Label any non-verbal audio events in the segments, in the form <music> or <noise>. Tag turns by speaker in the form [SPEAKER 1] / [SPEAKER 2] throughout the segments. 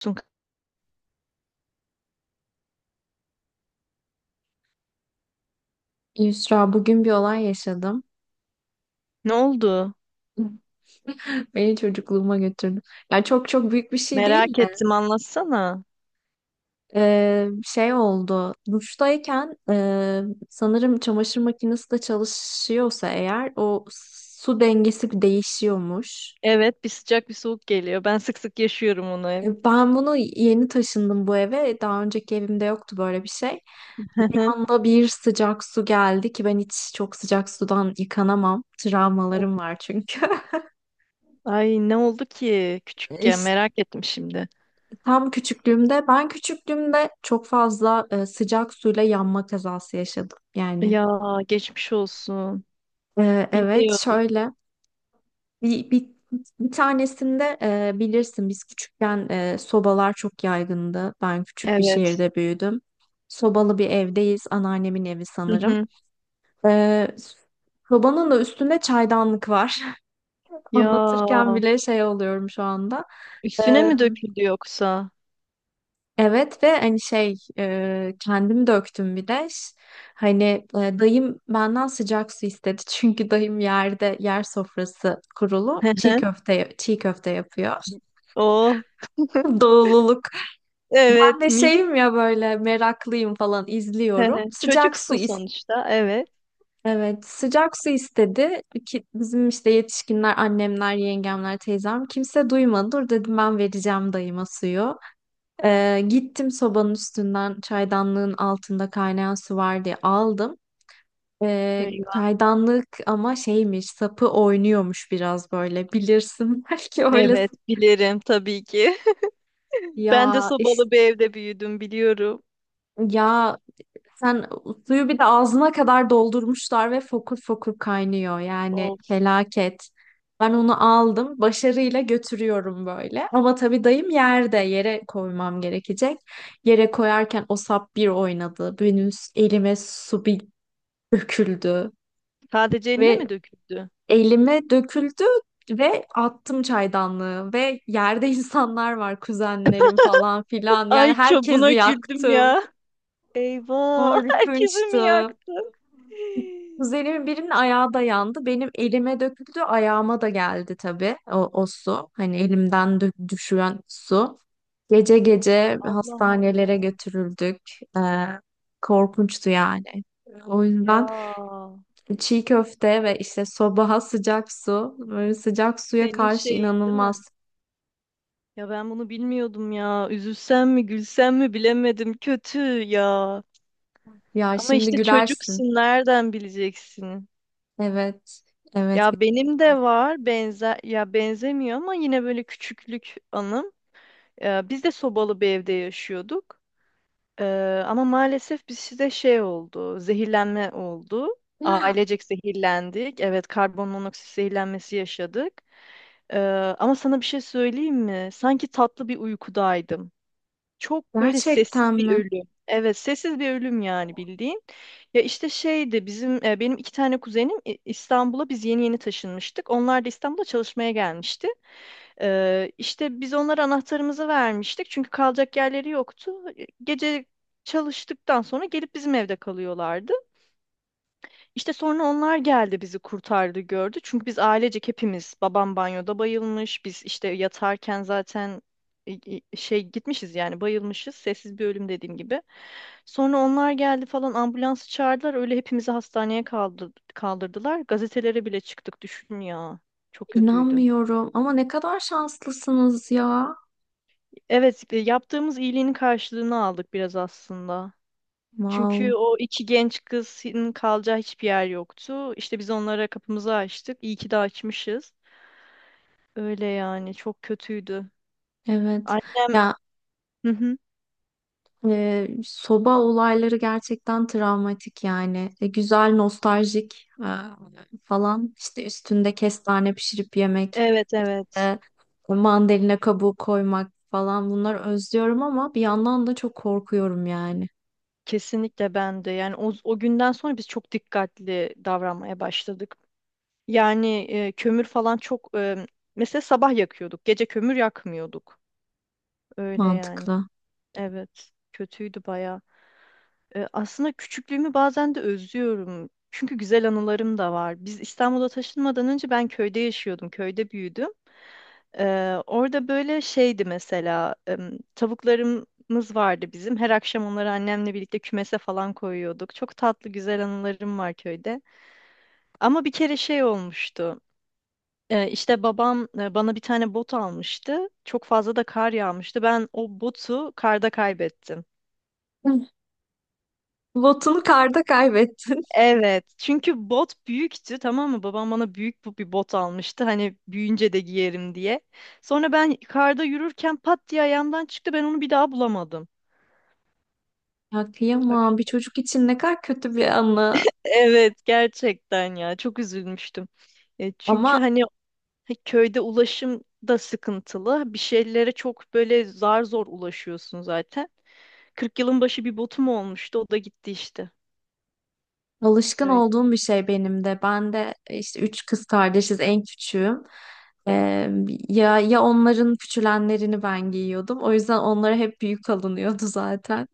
[SPEAKER 1] Sun-
[SPEAKER 2] Yusra bugün bir olay yaşadım.
[SPEAKER 1] Ne oldu?
[SPEAKER 2] <laughs> Beni çocukluğuma götürdü. Yani çok çok büyük bir şey değil
[SPEAKER 1] Merak
[SPEAKER 2] de
[SPEAKER 1] ettim, anlatsana.
[SPEAKER 2] şey oldu. Duştayken sanırım çamaşır makinesi de çalışıyorsa eğer o su dengesi değişiyormuş.
[SPEAKER 1] Evet, bir sıcak bir soğuk geliyor. Ben sık sık yaşıyorum onu hep.
[SPEAKER 2] Ben bunu yeni taşındım bu eve. Daha önceki evimde yoktu böyle bir şey. Bir
[SPEAKER 1] <laughs>
[SPEAKER 2] anda bir sıcak su geldi ki ben hiç çok sıcak sudan yıkanamam. Travmalarım var çünkü.
[SPEAKER 1] Ay, ne oldu ki küçükken,
[SPEAKER 2] <laughs>
[SPEAKER 1] merak ettim şimdi.
[SPEAKER 2] Tam küçüklüğümde, ben küçüklüğümde çok fazla sıcak suyla yanma kazası yaşadım. Yani
[SPEAKER 1] Ya, geçmiş olsun.
[SPEAKER 2] evet
[SPEAKER 1] Bilmiyordum.
[SPEAKER 2] şöyle bir, bir, bir tanesinde bilirsin biz küçükken sobalar çok yaygındı. Ben küçük bir
[SPEAKER 1] Evet.
[SPEAKER 2] şehirde büyüdüm. Sobalı bir evdeyiz. Anneannemin evi
[SPEAKER 1] Hı
[SPEAKER 2] sanırım.
[SPEAKER 1] hı.
[SPEAKER 2] E, sobanın da üstünde çaydanlık var. <laughs>
[SPEAKER 1] Ya,
[SPEAKER 2] Anlatırken bile şey oluyorum şu anda.
[SPEAKER 1] üstüne
[SPEAKER 2] E,
[SPEAKER 1] mi döküldü yoksa?
[SPEAKER 2] Evet ve hani şey kendim döktüm bir de. Hani dayım benden sıcak su istedi. <laughs> Çünkü dayım yerde yer sofrası
[SPEAKER 1] <laughs>
[SPEAKER 2] kurulu
[SPEAKER 1] Hı
[SPEAKER 2] çiğ
[SPEAKER 1] hı.
[SPEAKER 2] köfte çiğ köfte yapıyor.
[SPEAKER 1] Oh,
[SPEAKER 2] <laughs> Doğululuk. Ben
[SPEAKER 1] evet,
[SPEAKER 2] de
[SPEAKER 1] mis.
[SPEAKER 2] şeyim ya böyle meraklıyım falan
[SPEAKER 1] Hı
[SPEAKER 2] izliyorum.
[SPEAKER 1] hı.
[SPEAKER 2] Sıcak su
[SPEAKER 1] Çocuksun
[SPEAKER 2] is
[SPEAKER 1] sonuçta, evet.
[SPEAKER 2] evet, sıcak su istedi ki bizim işte yetişkinler, annemler, yengemler, teyzem kimse duymadı. Dur dedim ben vereceğim dayıma suyu. Gittim sobanın üstünden çaydanlığın altında kaynayan su var diye aldım.
[SPEAKER 1] Eyvah.
[SPEAKER 2] Çaydanlık ama şeymiş sapı oynuyormuş biraz böyle bilirsin <laughs> belki
[SPEAKER 1] Evet,
[SPEAKER 2] öylesin.
[SPEAKER 1] bilirim tabii ki. <laughs> Ben de
[SPEAKER 2] Ya iş
[SPEAKER 1] sobalı bir evde büyüdüm, biliyorum.
[SPEAKER 2] ya Sen suyu bir de ağzına kadar doldurmuşlar ve fokur fokur kaynıyor. Yani felaket. Ben onu aldım, başarıyla götürüyorum böyle. Ama tabii dayım yerde, yere koymam gerekecek. Yere koyarken o sap bir oynadı. Benim elime su bir döküldü
[SPEAKER 1] Sadece eline
[SPEAKER 2] ve
[SPEAKER 1] mi döküldü?
[SPEAKER 2] elime döküldü ve attım çaydanlığı ve yerde <laughs> insanlar var, kuzenlerim falan filan. Yani
[SPEAKER 1] Ay, çok
[SPEAKER 2] herkesi
[SPEAKER 1] buna güldüm
[SPEAKER 2] yaktım.
[SPEAKER 1] ya. Eyvah, <laughs> herkesi mi
[SPEAKER 2] Korkunçtu.
[SPEAKER 1] yaktın?
[SPEAKER 2] Kuzenimin birinin ayağı da yandı. Benim elime döküldü, ayağıma da geldi tabii o su. Hani elimden düşen su. Gece gece
[SPEAKER 1] Allah
[SPEAKER 2] hastanelere
[SPEAKER 1] Allah.
[SPEAKER 2] götürüldük. Ee, korkunçtu yani. O
[SPEAKER 1] Ya,
[SPEAKER 2] yüzden çiğ köfte ve işte sobaha sıcak su, böyle sıcak suya
[SPEAKER 1] senin
[SPEAKER 2] karşı
[SPEAKER 1] şeyin değil mi?
[SPEAKER 2] inanılmaz.
[SPEAKER 1] Ya, ben bunu bilmiyordum ya. Üzülsem mi gülsem mi bilemedim. Kötü ya.
[SPEAKER 2] Ya
[SPEAKER 1] Ama
[SPEAKER 2] şimdi
[SPEAKER 1] işte
[SPEAKER 2] gülersin.
[SPEAKER 1] çocuksun, nereden bileceksin?
[SPEAKER 2] Evet, evet.
[SPEAKER 1] Ya, benim
[SPEAKER 2] Öyle.
[SPEAKER 1] de var, benzer ya, benzemiyor ama yine böyle küçüklük anım. Biz de sobalı bir evde yaşıyorduk. Ama maalesef bizde şey oldu, zehirlenme oldu.
[SPEAKER 2] <gasps>
[SPEAKER 1] Ailecek zehirlendik. Evet, karbon monoksit zehirlenmesi yaşadık. Ee, Ama sana bir şey söyleyeyim mi? Sanki tatlı bir uykudaydım. Çok böyle sessiz
[SPEAKER 2] Gerçekten
[SPEAKER 1] bir
[SPEAKER 2] mi?
[SPEAKER 1] ölüm. Evet, sessiz bir ölüm yani, bildiğin. Ya işte şeydi bizim benim iki tane kuzenim İ- İstanbul'a biz yeni yeni taşınmıştık. Onlar da İstanbul'a çalışmaya gelmişti. İşte biz onlara anahtarımızı vermiştik çünkü kalacak yerleri yoktu. Gece çalıştıktan sonra gelip bizim evde kalıyorlardı. İşte sonra onlar geldi, bizi kurtardı, gördü. Çünkü biz ailecek hepimiz, babam banyoda bayılmış. Biz işte yatarken zaten e, şey gitmişiz yani, bayılmışız. Sessiz bir ölüm dediğim gibi. Sonra onlar geldi falan, ambulansı çağırdılar. Öyle hepimizi hastaneye kaldı- kaldırdılar. Gazetelere bile çıktık, düşün ya. Çok kötüydü.
[SPEAKER 2] İnanmıyorum. Ama ne kadar şanslısınız ya.
[SPEAKER 1] Evet, yaptığımız iyiliğin karşılığını aldık biraz aslında. Çünkü
[SPEAKER 2] Wow.
[SPEAKER 1] o iki genç kızın kalacağı hiçbir yer yoktu. İşte biz onlara kapımızı açtık. İyi ki de açmışız. Öyle yani, çok kötüydü.
[SPEAKER 2] Evet.
[SPEAKER 1] Annem,
[SPEAKER 2] Ya
[SPEAKER 1] hı hı.
[SPEAKER 2] soba olayları gerçekten travmatik yani. E, güzel, nostaljik falan. İşte üstünde kestane pişirip yemek,
[SPEAKER 1] Evet, evet.
[SPEAKER 2] e, mandalina kabuğu koymak falan bunları özlüyorum ama bir yandan da çok korkuyorum yani.
[SPEAKER 1] Kesinlikle, ben de. Yani o, o günden sonra biz çok dikkatli davranmaya başladık. Yani kömür falan çok mesela sabah yakıyorduk. Gece kömür yakmıyorduk. Öyle yani.
[SPEAKER 2] Mantıklı.
[SPEAKER 1] Evet. Kötüydü baya. Aslında küçüklüğümü bazen de özlüyorum. Çünkü güzel anılarım da var. Biz İstanbul'a taşınmadan önce ben köyde yaşıyordum. Köyde büyüdüm. Orada böyle şeydi mesela, tavuklarımız vardı bizim. Her akşam onları annemle birlikte kümese falan koyuyorduk. Çok tatlı, güzel anılarım var köyde. Ama bir kere şey olmuştu. İşte babam bana bir tane bot almıştı. Çok fazla da kar yağmıştı. Ben o botu karda kaybettim.
[SPEAKER 2] <laughs> Hı. Botunu karda kaybettin.
[SPEAKER 1] Evet, çünkü bot büyüktü, tamam mı? Babam bana büyük bu bir bot almıştı. Hani büyüyünce de giyerim diye. Sonra ben karda yürürken pat diye ayağımdan çıktı. Ben onu bir daha bulamadım.
[SPEAKER 2] Ya kıyamam. Bir çocuk için ne kadar kötü bir anı.
[SPEAKER 1] Evet, gerçekten ya, çok üzülmüştüm. Çünkü
[SPEAKER 2] Ama
[SPEAKER 1] hani köyde ulaşım da sıkıntılı. Bir şeylere çok böyle zar zor ulaşıyorsun zaten. 40 yılın başı bir botum olmuştu. O da gitti işte.
[SPEAKER 2] alışkın
[SPEAKER 1] Öyle.
[SPEAKER 2] olduğum bir şey benim de. Ben de işte üç kız kardeşiz, en küçüğüm. Ee, ya ya onların küçülenlerini ben giyiyordum. O yüzden onlara hep büyük alınıyordu <laughs> zaten.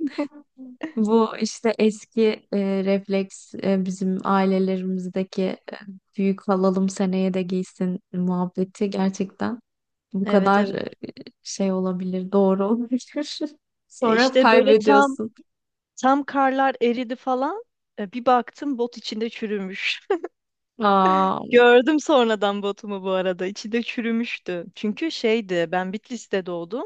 [SPEAKER 2] Bu işte eski refleks bizim ailelerimizdeki büyük alalım seneye de giysin muhabbeti gerçekten bu
[SPEAKER 1] Evet,
[SPEAKER 2] kadar
[SPEAKER 1] evet.
[SPEAKER 2] şey olabilir, doğru olabilir. <laughs> Sonra
[SPEAKER 1] İşte böyle tam
[SPEAKER 2] kaybediyorsun.
[SPEAKER 1] tam karlar eridi falan. Bir baktım bot içinde çürümüş.
[SPEAKER 2] Aa,
[SPEAKER 1] Gördüm sonradan botumu bu arada. İçi de çürümüştü. Çünkü şeydi, ben Bitlis'te doğdum.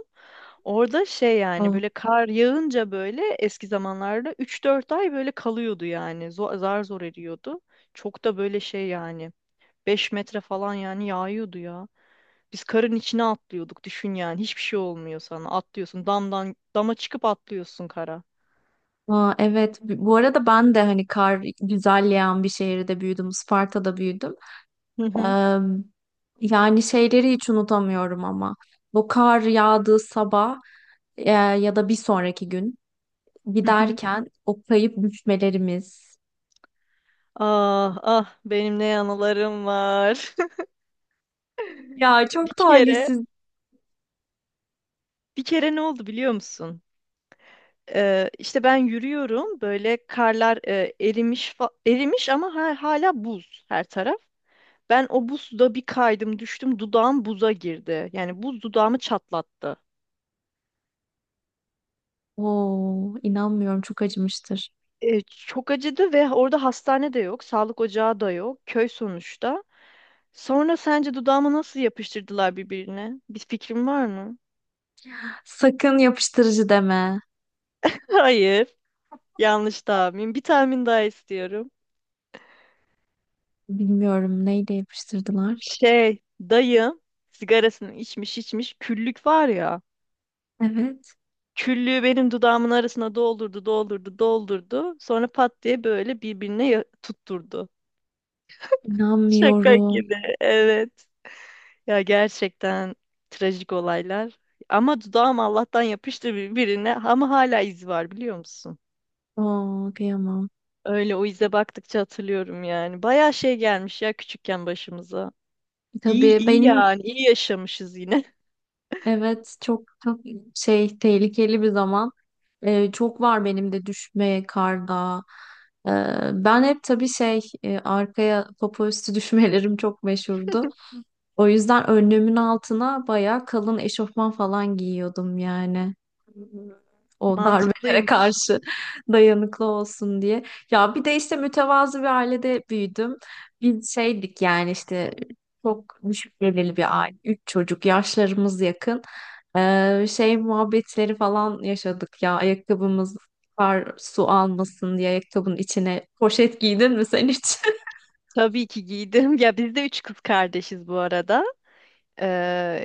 [SPEAKER 1] Orada şey yani, böyle kar yağınca böyle eski zamanlarda üç dört ay böyle kalıyordu yani. Zor, zar zor eriyordu. Çok da böyle şey yani, 5 metre falan yani yağıyordu ya. Biz karın içine atlıyorduk, düşün yani. Hiçbir şey olmuyor sana. Atlıyorsun, damdan dama çıkıp atlıyorsun kara.
[SPEAKER 2] aa, evet. Bu arada ben de hani kar güzel yağan bir şehirde büyüdüm. Isparta'da büyüdüm.
[SPEAKER 1] Hı hı
[SPEAKER 2] Eee, yani şeyleri hiç unutamıyorum ama. Bu kar yağdığı sabah ya da bir sonraki gün
[SPEAKER 1] hı. Hı.
[SPEAKER 2] giderken o kayıp düşmelerimiz.
[SPEAKER 1] Ah ah, benim ne anılarım var. <laughs>
[SPEAKER 2] Ya
[SPEAKER 1] Bir
[SPEAKER 2] çok
[SPEAKER 1] kere
[SPEAKER 2] talihsiz.
[SPEAKER 1] Bir kere ne oldu biliyor musun? İşte ben yürüyorum böyle, karlar erimiş fa- erimiş ama ha- hala buz her taraf. Ben o buzda bir kaydım, düştüm, dudağım buza girdi. Yani buz dudağımı çatlattı.
[SPEAKER 2] Oo, inanmıyorum çok acımıştır.
[SPEAKER 1] Çok acıdı ve orada hastane de yok, sağlık ocağı da yok, köy sonuçta. Sonra sence dudağımı nasıl yapıştırdılar birbirine? Bir fikrin var mı?
[SPEAKER 2] Sakın yapıştırıcı deme.
[SPEAKER 1] <laughs> Hayır, yanlış tahmin. Bir tahmin daha istiyorum.
[SPEAKER 2] Bilmiyorum neyle yapıştırdılar.
[SPEAKER 1] Şey, dayım sigarasını içmiş içmiş, küllük var ya.
[SPEAKER 2] Evet.
[SPEAKER 1] Küllüğü benim dudağımın arasına doldurdu, doldurdu, doldurdu. Sonra pat diye böyle birbirine ya- tutturdu. Şaka
[SPEAKER 2] İnanmıyorum.
[SPEAKER 1] gibi, evet. Ya gerçekten, trajik olaylar. Ama dudağım Allah'tan yapıştı birbirine, ama hala izi var, biliyor musun?
[SPEAKER 2] Oo, kıyamam.
[SPEAKER 1] Öyle, o ize baktıkça hatırlıyorum yani. Bayağı şey gelmiş ya küçükken başımıza. İyi
[SPEAKER 2] Tabii
[SPEAKER 1] iyi
[SPEAKER 2] benim
[SPEAKER 1] yani, iyi yaşamışız yine. <laughs>
[SPEAKER 2] evet çok çok şey tehlikeli bir zaman. Çok var benim de düşme karda. Ee, ben hep tabii şey arkaya popo üstü <laughs> düşmelerim çok meşhurdu. O yüzden önlüğümün altına bayağı kalın eşofman falan giyiyordum yani. O darbelere
[SPEAKER 1] Mantıklıymış.
[SPEAKER 2] karşı <laughs> dayanıklı olsun diye. Ya bir de işte mütevazı bir ailede büyüdüm. Biz şeydik yani işte çok düşük gelirli bir aile. Üç çocuk yaşlarımız yakın. Şey muhabbetleri falan yaşadık ya ayakkabımız kar su almasın diye ayakkabının içine poşet giydin mi sen hiç?
[SPEAKER 1] Tabii ki giydim. Ya biz de üç kız kardeşiz bu arada. Ee,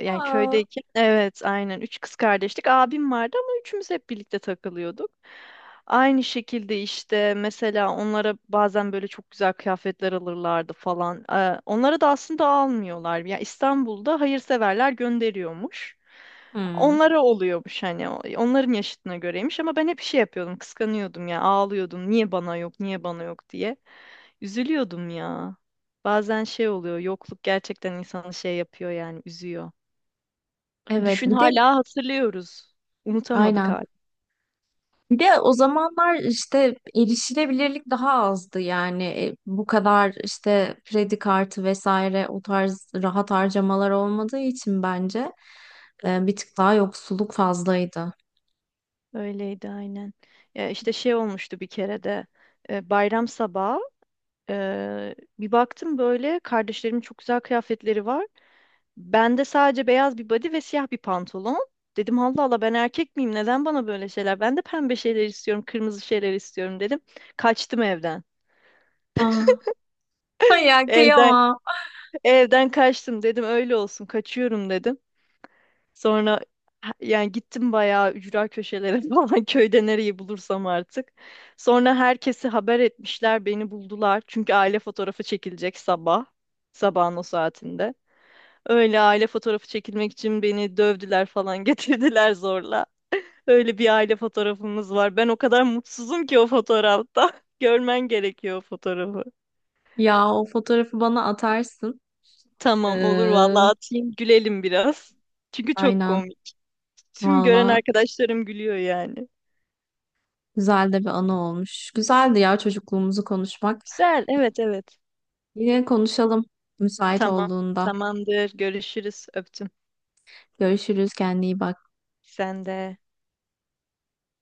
[SPEAKER 2] <laughs>
[SPEAKER 1] Yani
[SPEAKER 2] Aa.
[SPEAKER 1] köydeyken. Evet, aynen. Üç kız kardeştik. Abim vardı ama üçümüz hep birlikte takılıyorduk. Aynı şekilde işte mesela onlara bazen böyle çok güzel kıyafetler alırlardı falan. Onlara da aslında almıyorlar. Ya İstanbul'da hayırseverler gönderiyormuş.
[SPEAKER 2] Hmm.
[SPEAKER 1] Onlara oluyormuş hani, o- onların yaşıtına göreymiş ama ben hep şey yapıyordum, kıskanıyordum ya, ağlıyordum, niye bana yok, niye bana yok diye üzülüyordum ya. Bazen şey oluyor, yokluk gerçekten insanı şey yapıyor yani, üzüyor.
[SPEAKER 2] Evet
[SPEAKER 1] Düşün,
[SPEAKER 2] bir de
[SPEAKER 1] hala hatırlıyoruz. Unutamadık
[SPEAKER 2] aynen.
[SPEAKER 1] hala.
[SPEAKER 2] Bir de o zamanlar işte erişilebilirlik daha azdı yani bu kadar işte kredi kartı vesaire o tarz rahat harcamalar olmadığı için bence bir tık daha yoksulluk fazlaydı.
[SPEAKER 1] Öyleydi, aynen. Ya işte şey olmuştu bir kere de bayram sabahı bir baktım böyle kardeşlerimin çok güzel kıyafetleri var. Bende sadece beyaz bir body ve siyah bir pantolon. Dedim, Allah Allah, ben erkek miyim? Neden bana böyle şeyler? Ben de pembe şeyler istiyorum, kırmızı şeyler istiyorum dedim. Kaçtım evden.
[SPEAKER 2] Ah. <laughs> Ay ya
[SPEAKER 1] Evden
[SPEAKER 2] kıyamam.
[SPEAKER 1] Evden kaçtım, dedim öyle olsun, kaçıyorum dedim. Sonra ha- yani gittim bayağı ücra köşelere <laughs> falan, köyde nereyi bulursam artık. Sonra herkesi haber etmişler, beni buldular. Çünkü aile fotoğrafı çekilecek sabah, sabahın o saatinde. Öyle aile fotoğrafı çekilmek için beni dövdüler falan <laughs> getirdiler zorla. Öyle bir aile fotoğrafımız var. Ben o kadar mutsuzum ki o fotoğrafta. <laughs> Görmen gerekiyor o fotoğrafı.
[SPEAKER 2] Ya o fotoğrafı bana atarsın.
[SPEAKER 1] Tamam, olur
[SPEAKER 2] Ee,
[SPEAKER 1] vallahi, atayım, gülelim biraz. Çünkü çok
[SPEAKER 2] aynen.
[SPEAKER 1] komik. Tüm gören
[SPEAKER 2] Valla
[SPEAKER 1] arkadaşlarım gülüyor yani.
[SPEAKER 2] güzel de bir anı olmuş. Güzeldi ya çocukluğumuzu konuşmak.
[SPEAKER 1] Güzel. Evet, evet.
[SPEAKER 2] Yine konuşalım müsait
[SPEAKER 1] Tamam.
[SPEAKER 2] olduğunda.
[SPEAKER 1] Tamamdır. Görüşürüz. Öptüm.
[SPEAKER 2] Görüşürüz. Kendine iyi bak.
[SPEAKER 1] Sen de.